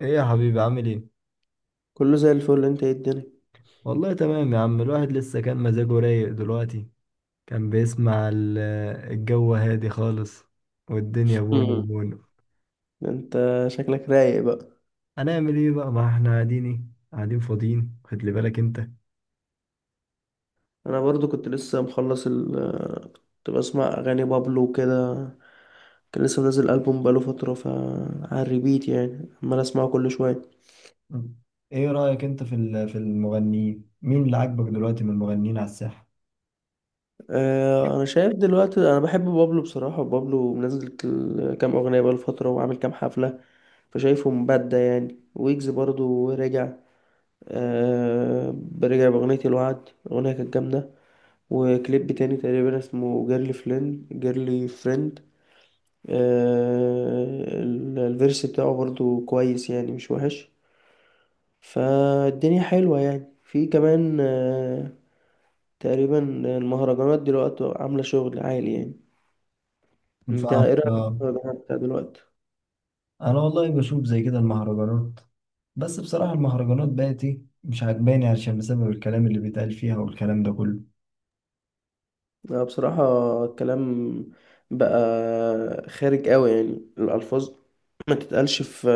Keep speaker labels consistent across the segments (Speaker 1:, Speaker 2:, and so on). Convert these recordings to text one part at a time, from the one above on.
Speaker 1: ايه يا حبيبي، عامل ايه؟
Speaker 2: كله زي الفل، انت ايه الدنيا؟
Speaker 1: والله تمام يا عم، الواحد لسه كان مزاجه رايق. دلوقتي كان بيسمع الجو هادي خالص والدنيا بونو
Speaker 2: مم.
Speaker 1: بونو.
Speaker 2: انت شكلك رايق بقى؟
Speaker 1: هنعمل ايه بقى؟ ما احنا قاعدين، ايه؟ قاعدين فاضيين، خد لي بالك انت.
Speaker 2: انا برضو كنت لسه مخلص كنت بسمع اغاني بابلو وكده. كان لسه منزل البوم بقاله فتره ف على الريبيت يعني عمال اسمعه كل شويه.
Speaker 1: مم. ايه رأيك انت في المغنيين؟ مين اللي عاجبك دلوقتي من المغنيين على الساحة؟
Speaker 2: اه، انا شايف دلوقتي انا بحب بابلو بصراحه. بابلو منزل كام اغنيه بقاله فتره وعامل كام حفله، فشايفه مبدع يعني. ويجز برضو رجع، اه رجع باغنيه الوعد، اغنيه كانت جامده. وكليب تاني تقريبا اسمه جيرلي فريند جيرلي فريند. الفيرس بتاعه برضو كويس يعني، مش وحش. فالدنيا حلوة يعني، في كمان تقريبا. المهرجانات دلوقتي عاملة شغل عالي يعني. انت
Speaker 1: فاهم،
Speaker 2: ايه رأيك في
Speaker 1: آه.
Speaker 2: المهرجانات بتاع دلوقتي؟
Speaker 1: انا والله بشوف زي كده المهرجانات، بس بصراحة المهرجانات بقت، ايه، مش عاجباني عشان بسبب الكلام اللي بيتقال فيها والكلام ده كله.
Speaker 2: لا بصراحة، الكلام بقى خارج قوي يعني، الألفاظ ما تتقالش في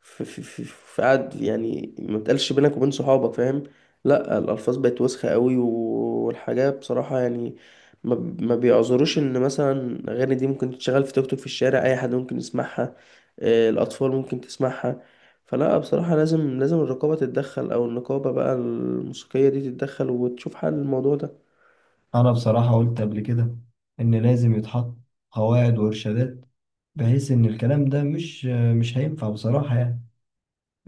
Speaker 2: في في في, في قعد يعني، ما تتقالش بينك وبين صحابك، فاهم؟ لا الألفاظ بقت وسخة قوي، والحاجة بصراحة يعني ما ما بيعذروش إن مثلا أغاني دي ممكن تتشغل في توك توك في الشارع، أي حد ممكن يسمعها. الأطفال ممكن تسمعها. فلا بصراحة لازم لازم الرقابة تتدخل، أو النقابة بقى الموسيقية دي تتدخل وتشوف حل الموضوع ده.
Speaker 1: أنا بصراحة قلت قبل كده إن لازم يتحط قواعد وإرشادات، بحيث إن الكلام ده مش هينفع بصراحة. يعني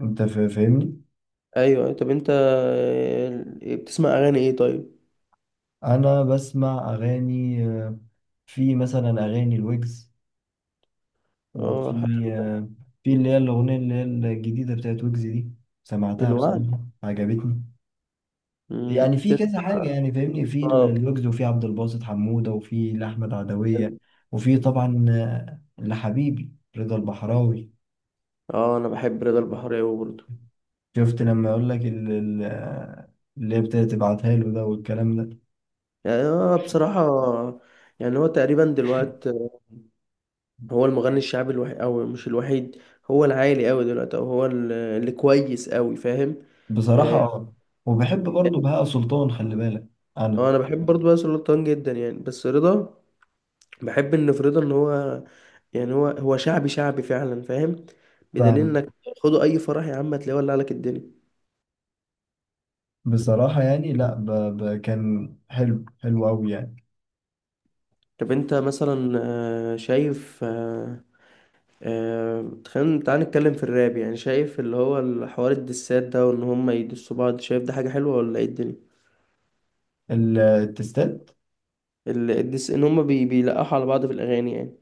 Speaker 1: أنت فاهمني؟
Speaker 2: ايوه، طب انت بتسمع اغاني ايه طيب؟
Speaker 1: أنا بسمع أغاني، في مثلا أغاني الويجز،
Speaker 2: اه
Speaker 1: وفي،
Speaker 2: حلو.
Speaker 1: آه، في اللي هي الأغنية اللي هي الجديدة بتاعت ويجز دي، سمعتها
Speaker 2: الوعد.
Speaker 1: بصراحة عجبتني. يعني في كذا
Speaker 2: تسمع.
Speaker 1: حاجة، يعني فاهمني، في
Speaker 2: اه
Speaker 1: الويجز، وفي عبد الباسط حمودة، وفي لأحمد عدوية،
Speaker 2: حلو.
Speaker 1: وفي طبعا لحبيبي رضا البحراوي.
Speaker 2: اه، انا بحب رضا البحراوي برضه.
Speaker 1: شفت لما اقول لك اللي هي ابتدت تبعتها له ده والكلام ده.
Speaker 2: يعني انا بصراحه يعني هو تقريبا دلوقتي هو المغني الشعبي الوحيد او مش الوحيد. هو العالي قوي دلوقتي، او هو اللي كويس قوي، فاهم؟
Speaker 1: بصراحة
Speaker 2: اه.
Speaker 1: اه. وبحب برضه بهاء سلطان، خلي بالك. انا
Speaker 2: انا بحب برضه بهاء سلطان جدا يعني، بس رضا بحب ان فريدة ان هو يعني هو شعبي شعبي فعلا، فاهم؟ بدليل
Speaker 1: فاهم.
Speaker 2: انك خدوا اي فرح يا عم هتلاقيه ولع لك الدنيا.
Speaker 1: بصراحة يعني، لا، كان حلو، حلو قوي يعني.
Speaker 2: طب انت مثلا شايف تخيل، تعال نتكلم في الراب يعني. شايف اللي هو الحوار الدسات ده وان هم يدسوا بعض، شايف ده حاجة حلوة ولا ايه الدنيا؟
Speaker 1: التستات.
Speaker 2: الدس ان هم بيلقحوا على بعض في الاغاني يعني،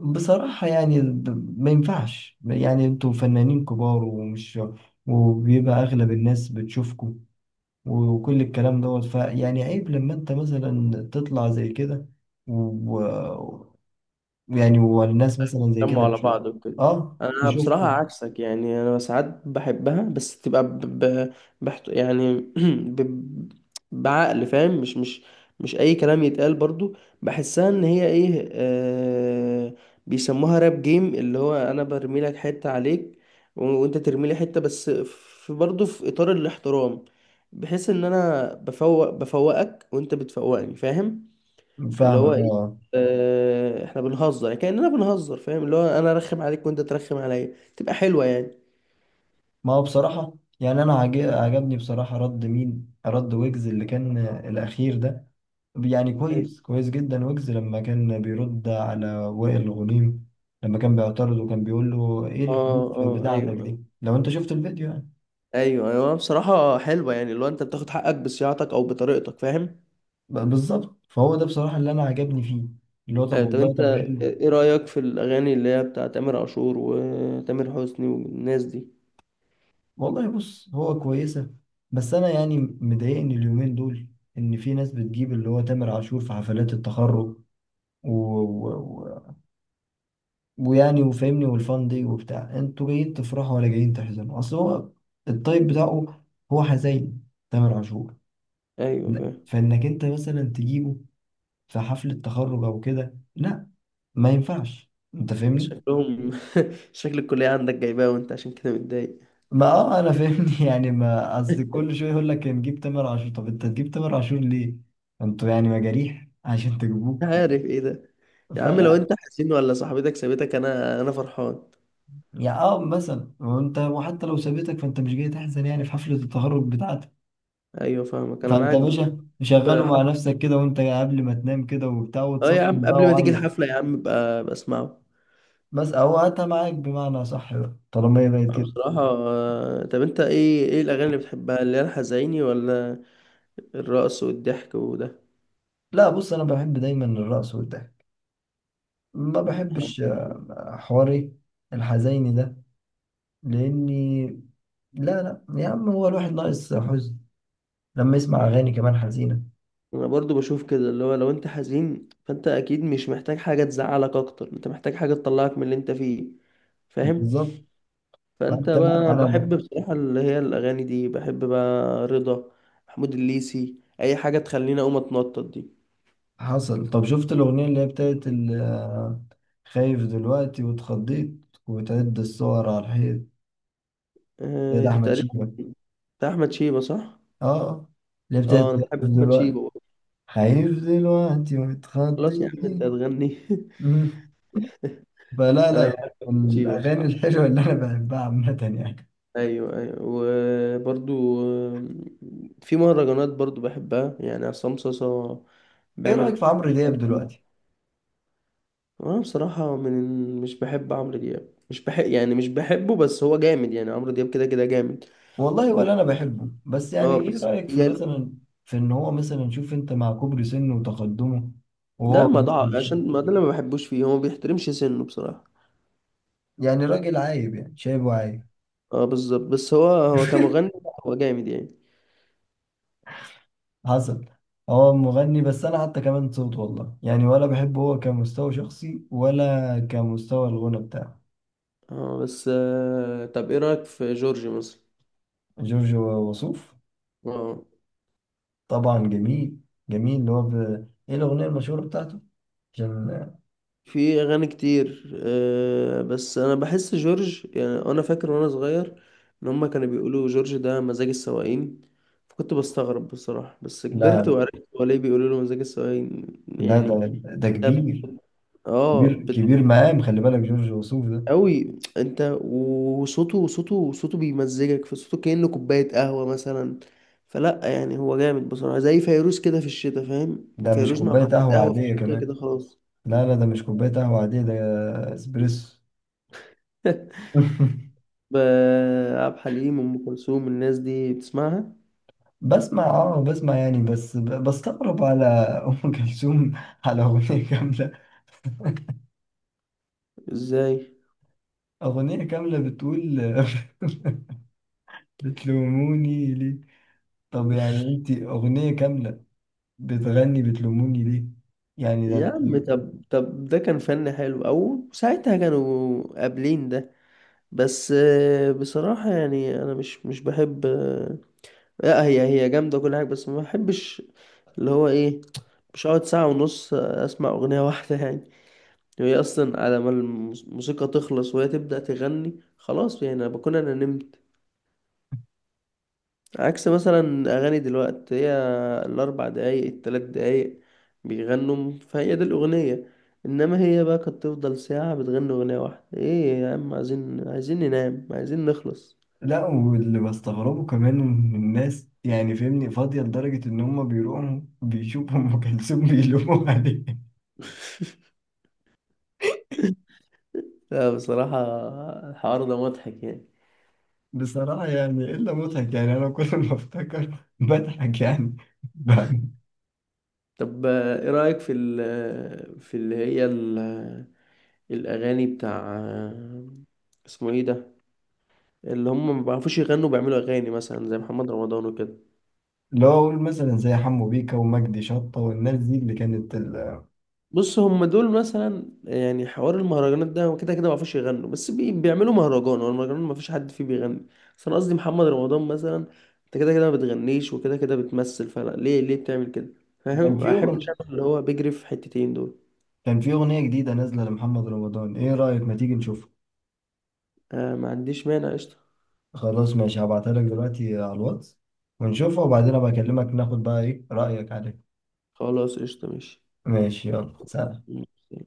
Speaker 1: بصراحة يعني، ما ينفعش. يعني انتوا فنانين كبار، ومش، وبيبقى اغلب الناس بتشوفكم وكل الكلام دوت، فيعني عيب لما انت مثلا تطلع زي كده، و... يعني والناس مثلا زي
Speaker 2: جمعوا
Speaker 1: كده
Speaker 2: على
Speaker 1: تشوف.
Speaker 2: بعض وكده.
Speaker 1: اه
Speaker 2: انا بصراحه
Speaker 1: تشوفكوا.
Speaker 2: عكسك يعني، انا ساعات بحبها، بس تبقى يعني ب... بعقل، فاهم؟ مش اي كلام يتقال برضو. بحسها ان هي ايه بيسموها راب جيم، اللي هو انا برمي لك حته عليك وانت ترمي لي حته، بس في برضو في اطار الاحترام، بحيث ان انا بفوقك وانت بتفوقني، فاهم؟ اللي هو
Speaker 1: فاهمك،
Speaker 2: ايه،
Speaker 1: اه.
Speaker 2: احنا بنهزر كأننا بنهزر، فاهم؟ اللي هو انا ارخم عليك وانت ترخم عليا، تبقى حلوة يعني.
Speaker 1: ما هو بصراحة يعني، أنا عجبني بصراحة رد، مين رد؟ ويجز اللي كان الأخير ده، يعني
Speaker 2: أيوة.
Speaker 1: كويس، كويس جدا، ويجز لما كان بيرد على وائل غنيم، لما كان بيعترض وكان بيقول له إيه
Speaker 2: اه،
Speaker 1: الفلوس
Speaker 2: اه،
Speaker 1: بتاعتك
Speaker 2: ايوه،
Speaker 1: دي، لو أنت شفت الفيديو يعني.
Speaker 2: ايوه، ايوه، بصراحة حلوة يعني، اللي هو انت بتاخد حقك بصياعتك او بطريقتك، فاهم؟
Speaker 1: بالظبط، فهو ده بصراحة اللي أنا عجبني فيه، اللي هو طب
Speaker 2: طب
Speaker 1: والله،
Speaker 2: انت
Speaker 1: طب حلو.
Speaker 2: ايه رأيك في الاغاني اللي هي بتاعت تامر عاشور وتامر حسني والناس دي؟
Speaker 1: والله بص، هو كويسة، بس أنا يعني مضايقني اليومين دول إن في ناس بتجيب اللي هو تامر عاشور في حفلات التخرج. و... و... و... ويعني وفاهمني، والفان دي وبتاع، انتوا جايين تفرحوا ولا جايين تحزنوا؟ أصل هو الطيب بتاعه هو حزين، تامر عاشور.
Speaker 2: ايوه
Speaker 1: لا.
Speaker 2: فاهم.
Speaker 1: فإنك أنت مثلا تجيبه في حفلة تخرج أو كده، لا، ما ينفعش. أنت فاهمني.
Speaker 2: شكلهم شكل الكلية عندك جايباه وانت عشان كده متضايق.
Speaker 1: ما اه انا فاهمني يعني ما اصل كل شويه يقول لك نجيب تامر عاشور، طب انت تجيب تامر عاشور ليه؟ انتوا يعني مجاريح عشان تجيبوه؟
Speaker 2: مش عارف ايه ده يا عم، لو
Speaker 1: فلا،
Speaker 2: انت حزين ولا صاحبتك سابتك، انا فرحان.
Speaker 1: يعني اه، مثلا وانت، وحتى لو سابتك فانت مش جاي تحزن يعني في حفله التخرج بتاعتك.
Speaker 2: ايوه فاهمك، انا
Speaker 1: فانت يا
Speaker 2: معاك بصراحة.
Speaker 1: باشا شغله مع
Speaker 2: حفلة،
Speaker 1: نفسك كده، وانت قبل ما تنام كده وبتاع،
Speaker 2: اه
Speaker 1: وتصمم
Speaker 2: يا عم
Speaker 1: بقى
Speaker 2: قبل ما تيجي
Speaker 1: وعيط.
Speaker 2: الحفلة يا عم بقى بسمعه.
Speaker 1: بس او هاتها معاك، بمعنى صح بقى طالما هي بقت كده.
Speaker 2: بصراحة طب انت ايه الأغاني اللي بتحبها، اللي هي الحزيني ولا الرقص والضحك وده؟
Speaker 1: لا بص، انا بحب دايما الرقص والضحك. ما بحبش
Speaker 2: أنا
Speaker 1: حواري الحزيني ده، لاني، لا لا يا عم، هو الواحد ناقص حزن لما يسمع اغاني كمان حزينه؟
Speaker 2: أنا برضو بشوف كده، اللي هو لو انت حزين فانت اكيد مش محتاج حاجة تزعلك اكتر، انت محتاج حاجة تطلعك من اللي انت فيه، فاهم؟
Speaker 1: بالظبط.
Speaker 2: فانت
Speaker 1: فانت، لا،
Speaker 2: بقى
Speaker 1: انا
Speaker 2: بحب بصراحة اللي هي الأغاني دي، بحب بقى رضا، محمود الليثي، اي حاجة تخليني اقوم اتنطط دي.
Speaker 1: حصل. طب شفت الاغنيه اللي هي بتاعت خايف دلوقتي واتخضيت وتعد الصور على الحيط؟ يا ده
Speaker 2: دي
Speaker 1: احمد
Speaker 2: تقريبا
Speaker 1: شيبه.
Speaker 2: بتاع احمد شيبة، صح؟
Speaker 1: اه، اللي هي بتاعت
Speaker 2: اه انا
Speaker 1: خايف
Speaker 2: بحب احمد
Speaker 1: دلوقتي.
Speaker 2: شيبة برضه.
Speaker 1: خايف دلوقتي
Speaker 2: خلاص يا
Speaker 1: واتخضيت.
Speaker 2: عم انت هتغني.
Speaker 1: مم. فلا لا
Speaker 2: انا بحب
Speaker 1: يعني،
Speaker 2: احمد
Speaker 1: من
Speaker 2: شيبة
Speaker 1: الاغاني
Speaker 2: بصراحة.
Speaker 1: الحلوه اللي انا بحبها عامه يعني.
Speaker 2: ايوه، ايوه، وبرضو في مهرجانات برضو بحبها يعني عصام صاصا،
Speaker 1: ايه رايك في
Speaker 2: بيعمل
Speaker 1: عمرو دياب دلوقتي؟
Speaker 2: وانا بصراحة مش بحب عمرو دياب، مش بحب يعني، مش بحبه بس هو جامد يعني. عمرو دياب كده كده جامد
Speaker 1: والله
Speaker 2: و...
Speaker 1: ولا انا بحبه، بس يعني
Speaker 2: اه
Speaker 1: ايه
Speaker 2: بس
Speaker 1: رأيك في
Speaker 2: يعني،
Speaker 1: مثلا، في ان هو مثلا، شوف انت مع كبر سنه وتقدمه،
Speaker 2: ده
Speaker 1: وهو
Speaker 2: ما ضاع
Speaker 1: مثلا
Speaker 2: عشان ما ده اللي ما بحبوش فيه، هو ما بيحترمش سنه بصراحة.
Speaker 1: يعني راجل عايب يعني، شايبه عايب.
Speaker 2: اه بالظبط، بس هو كمغني هو جامد يعني.
Speaker 1: حصل. هو مغني، بس انا حتى كمان صوت والله، يعني ولا بحبه، هو كمستوى شخصي ولا كمستوى الغنى بتاعه.
Speaker 2: اه بس طب ايه رأيك في جورج مثلا؟
Speaker 1: جورج وسوف.
Speaker 2: اه
Speaker 1: طبعا جميل، جميل اللي هو ايه الاغنية المشهورة بتاعته عشان...
Speaker 2: في اغاني كتير. بس انا بحس جورج يعني، انا فاكر وانا صغير ان هما كانوا بيقولوا جورج ده مزاج السواقين، فكنت بستغرب بصراحة، بس
Speaker 1: لا
Speaker 2: كبرت
Speaker 1: لا
Speaker 2: وعرفت هو ليه بيقولوا له مزاج السواقين
Speaker 1: لا، ده
Speaker 2: يعني.
Speaker 1: ده
Speaker 2: طب
Speaker 1: كبير،
Speaker 2: اه
Speaker 1: كبير، كبير مقام، خلي بالك جورج وسوف ده.
Speaker 2: قوي انت، وصوته صوته صوته بيمزجك في صوته كأنه كوباية قهوة مثلا. فلا يعني هو جامد بصراحة، زي فيروز كده في الشتاء، فاهم؟
Speaker 1: ده مش
Speaker 2: فيروز مع
Speaker 1: كوباية
Speaker 2: كوباية
Speaker 1: قهوة
Speaker 2: قهوة في
Speaker 1: عادية
Speaker 2: الشتاء
Speaker 1: كمان.
Speaker 2: كده خلاص.
Speaker 1: لا لا، ده مش كوباية قهوة عادية، ده اسبريسو.
Speaker 2: ب- عبد الحليم، أم كلثوم، الناس دي بتسمعها؟
Speaker 1: بسمع يعني، بس بستغرب على ام كلثوم، على اغنية كاملة.
Speaker 2: ازاي؟
Speaker 1: اغنية كاملة بتقول بتلوموني ليه؟ طب يعني انت، اغنية كاملة بتغني بتلوموني ليه، يعني ده
Speaker 2: يا عم
Speaker 1: انت.
Speaker 2: طب ده كان فن حلو او ساعتها كانوا قابلين ده. بس بصراحة يعني انا مش بحب لا هي جامدة كل حاجة، بس ما بحبش. اللي هو ايه، مش هقعد ساعة ونص أسمع أغنية واحدة يعني. هي أصلا على ما الموسيقى تخلص وهي تبدأ تغني، خلاص يعني، أنا بكون أنا نمت. عكس مثلا أغاني دلوقتي، هي الـ 4 دقايق الـ 3 دقايق بيغنوا، فهي دي الأغنية. إنما هي بقى كانت تفضل ساعة بتغني أغنية واحدة، إيه يا عم، عايزين ننام، عايزين نخلص.
Speaker 1: لا، واللي بستغربه كمان من الناس يعني، فهمني، فاضية لدرجة ان هم بيروحوا بيشوفوا ام كلثوم بيلوموا عليه.
Speaker 2: لا بصراحة الحوار ده مضحك يعني.
Speaker 1: بصراحة يعني إلا مضحك يعني، أنا كل ما أفتكر بضحك يعني. ب-
Speaker 2: طب إيه رأيك في ال في اللي هي الأغاني بتاع، اسمه ايه ده، اللي هم ما بيعرفوش يغنوا، بيعملوا أغاني مثلا زي محمد رمضان وكده؟
Speaker 1: لو أقول مثلا زي حمو بيكا ومجدي شطة والناس دي اللي كانت
Speaker 2: بص هم دول مثلا يعني، حوار المهرجانات ده هو كده كده ما بيعرفوش يغنوا، بس بيعملوا مهرجان والمهرجان ما فيش حد فيه بيغني. بس أنا قصدي محمد رمضان مثلا، أنت كده كده ما بتغنيش وكده كده بتمثل، فلا ليه بتعمل كده؟
Speaker 1: كان
Speaker 2: فاهم،
Speaker 1: في
Speaker 2: أحب
Speaker 1: أغن...
Speaker 2: أعمل اللي هو بيجري في حتتين دول.
Speaker 1: كان في أغنية جديدة نازلة لمحمد رمضان، إيه رأيك ما تيجي نشوفها؟
Speaker 2: ما عنديش مانع قشطة.
Speaker 1: خلاص ماشي، هبعتها لك دلوقتي على الواتس، ونشوفها، وبعدين أبقى أكلمك، ناخد بقى إيه رأيك عليها.
Speaker 2: خلاص قشطة
Speaker 1: ماشي، يلا سلام.
Speaker 2: ماشي.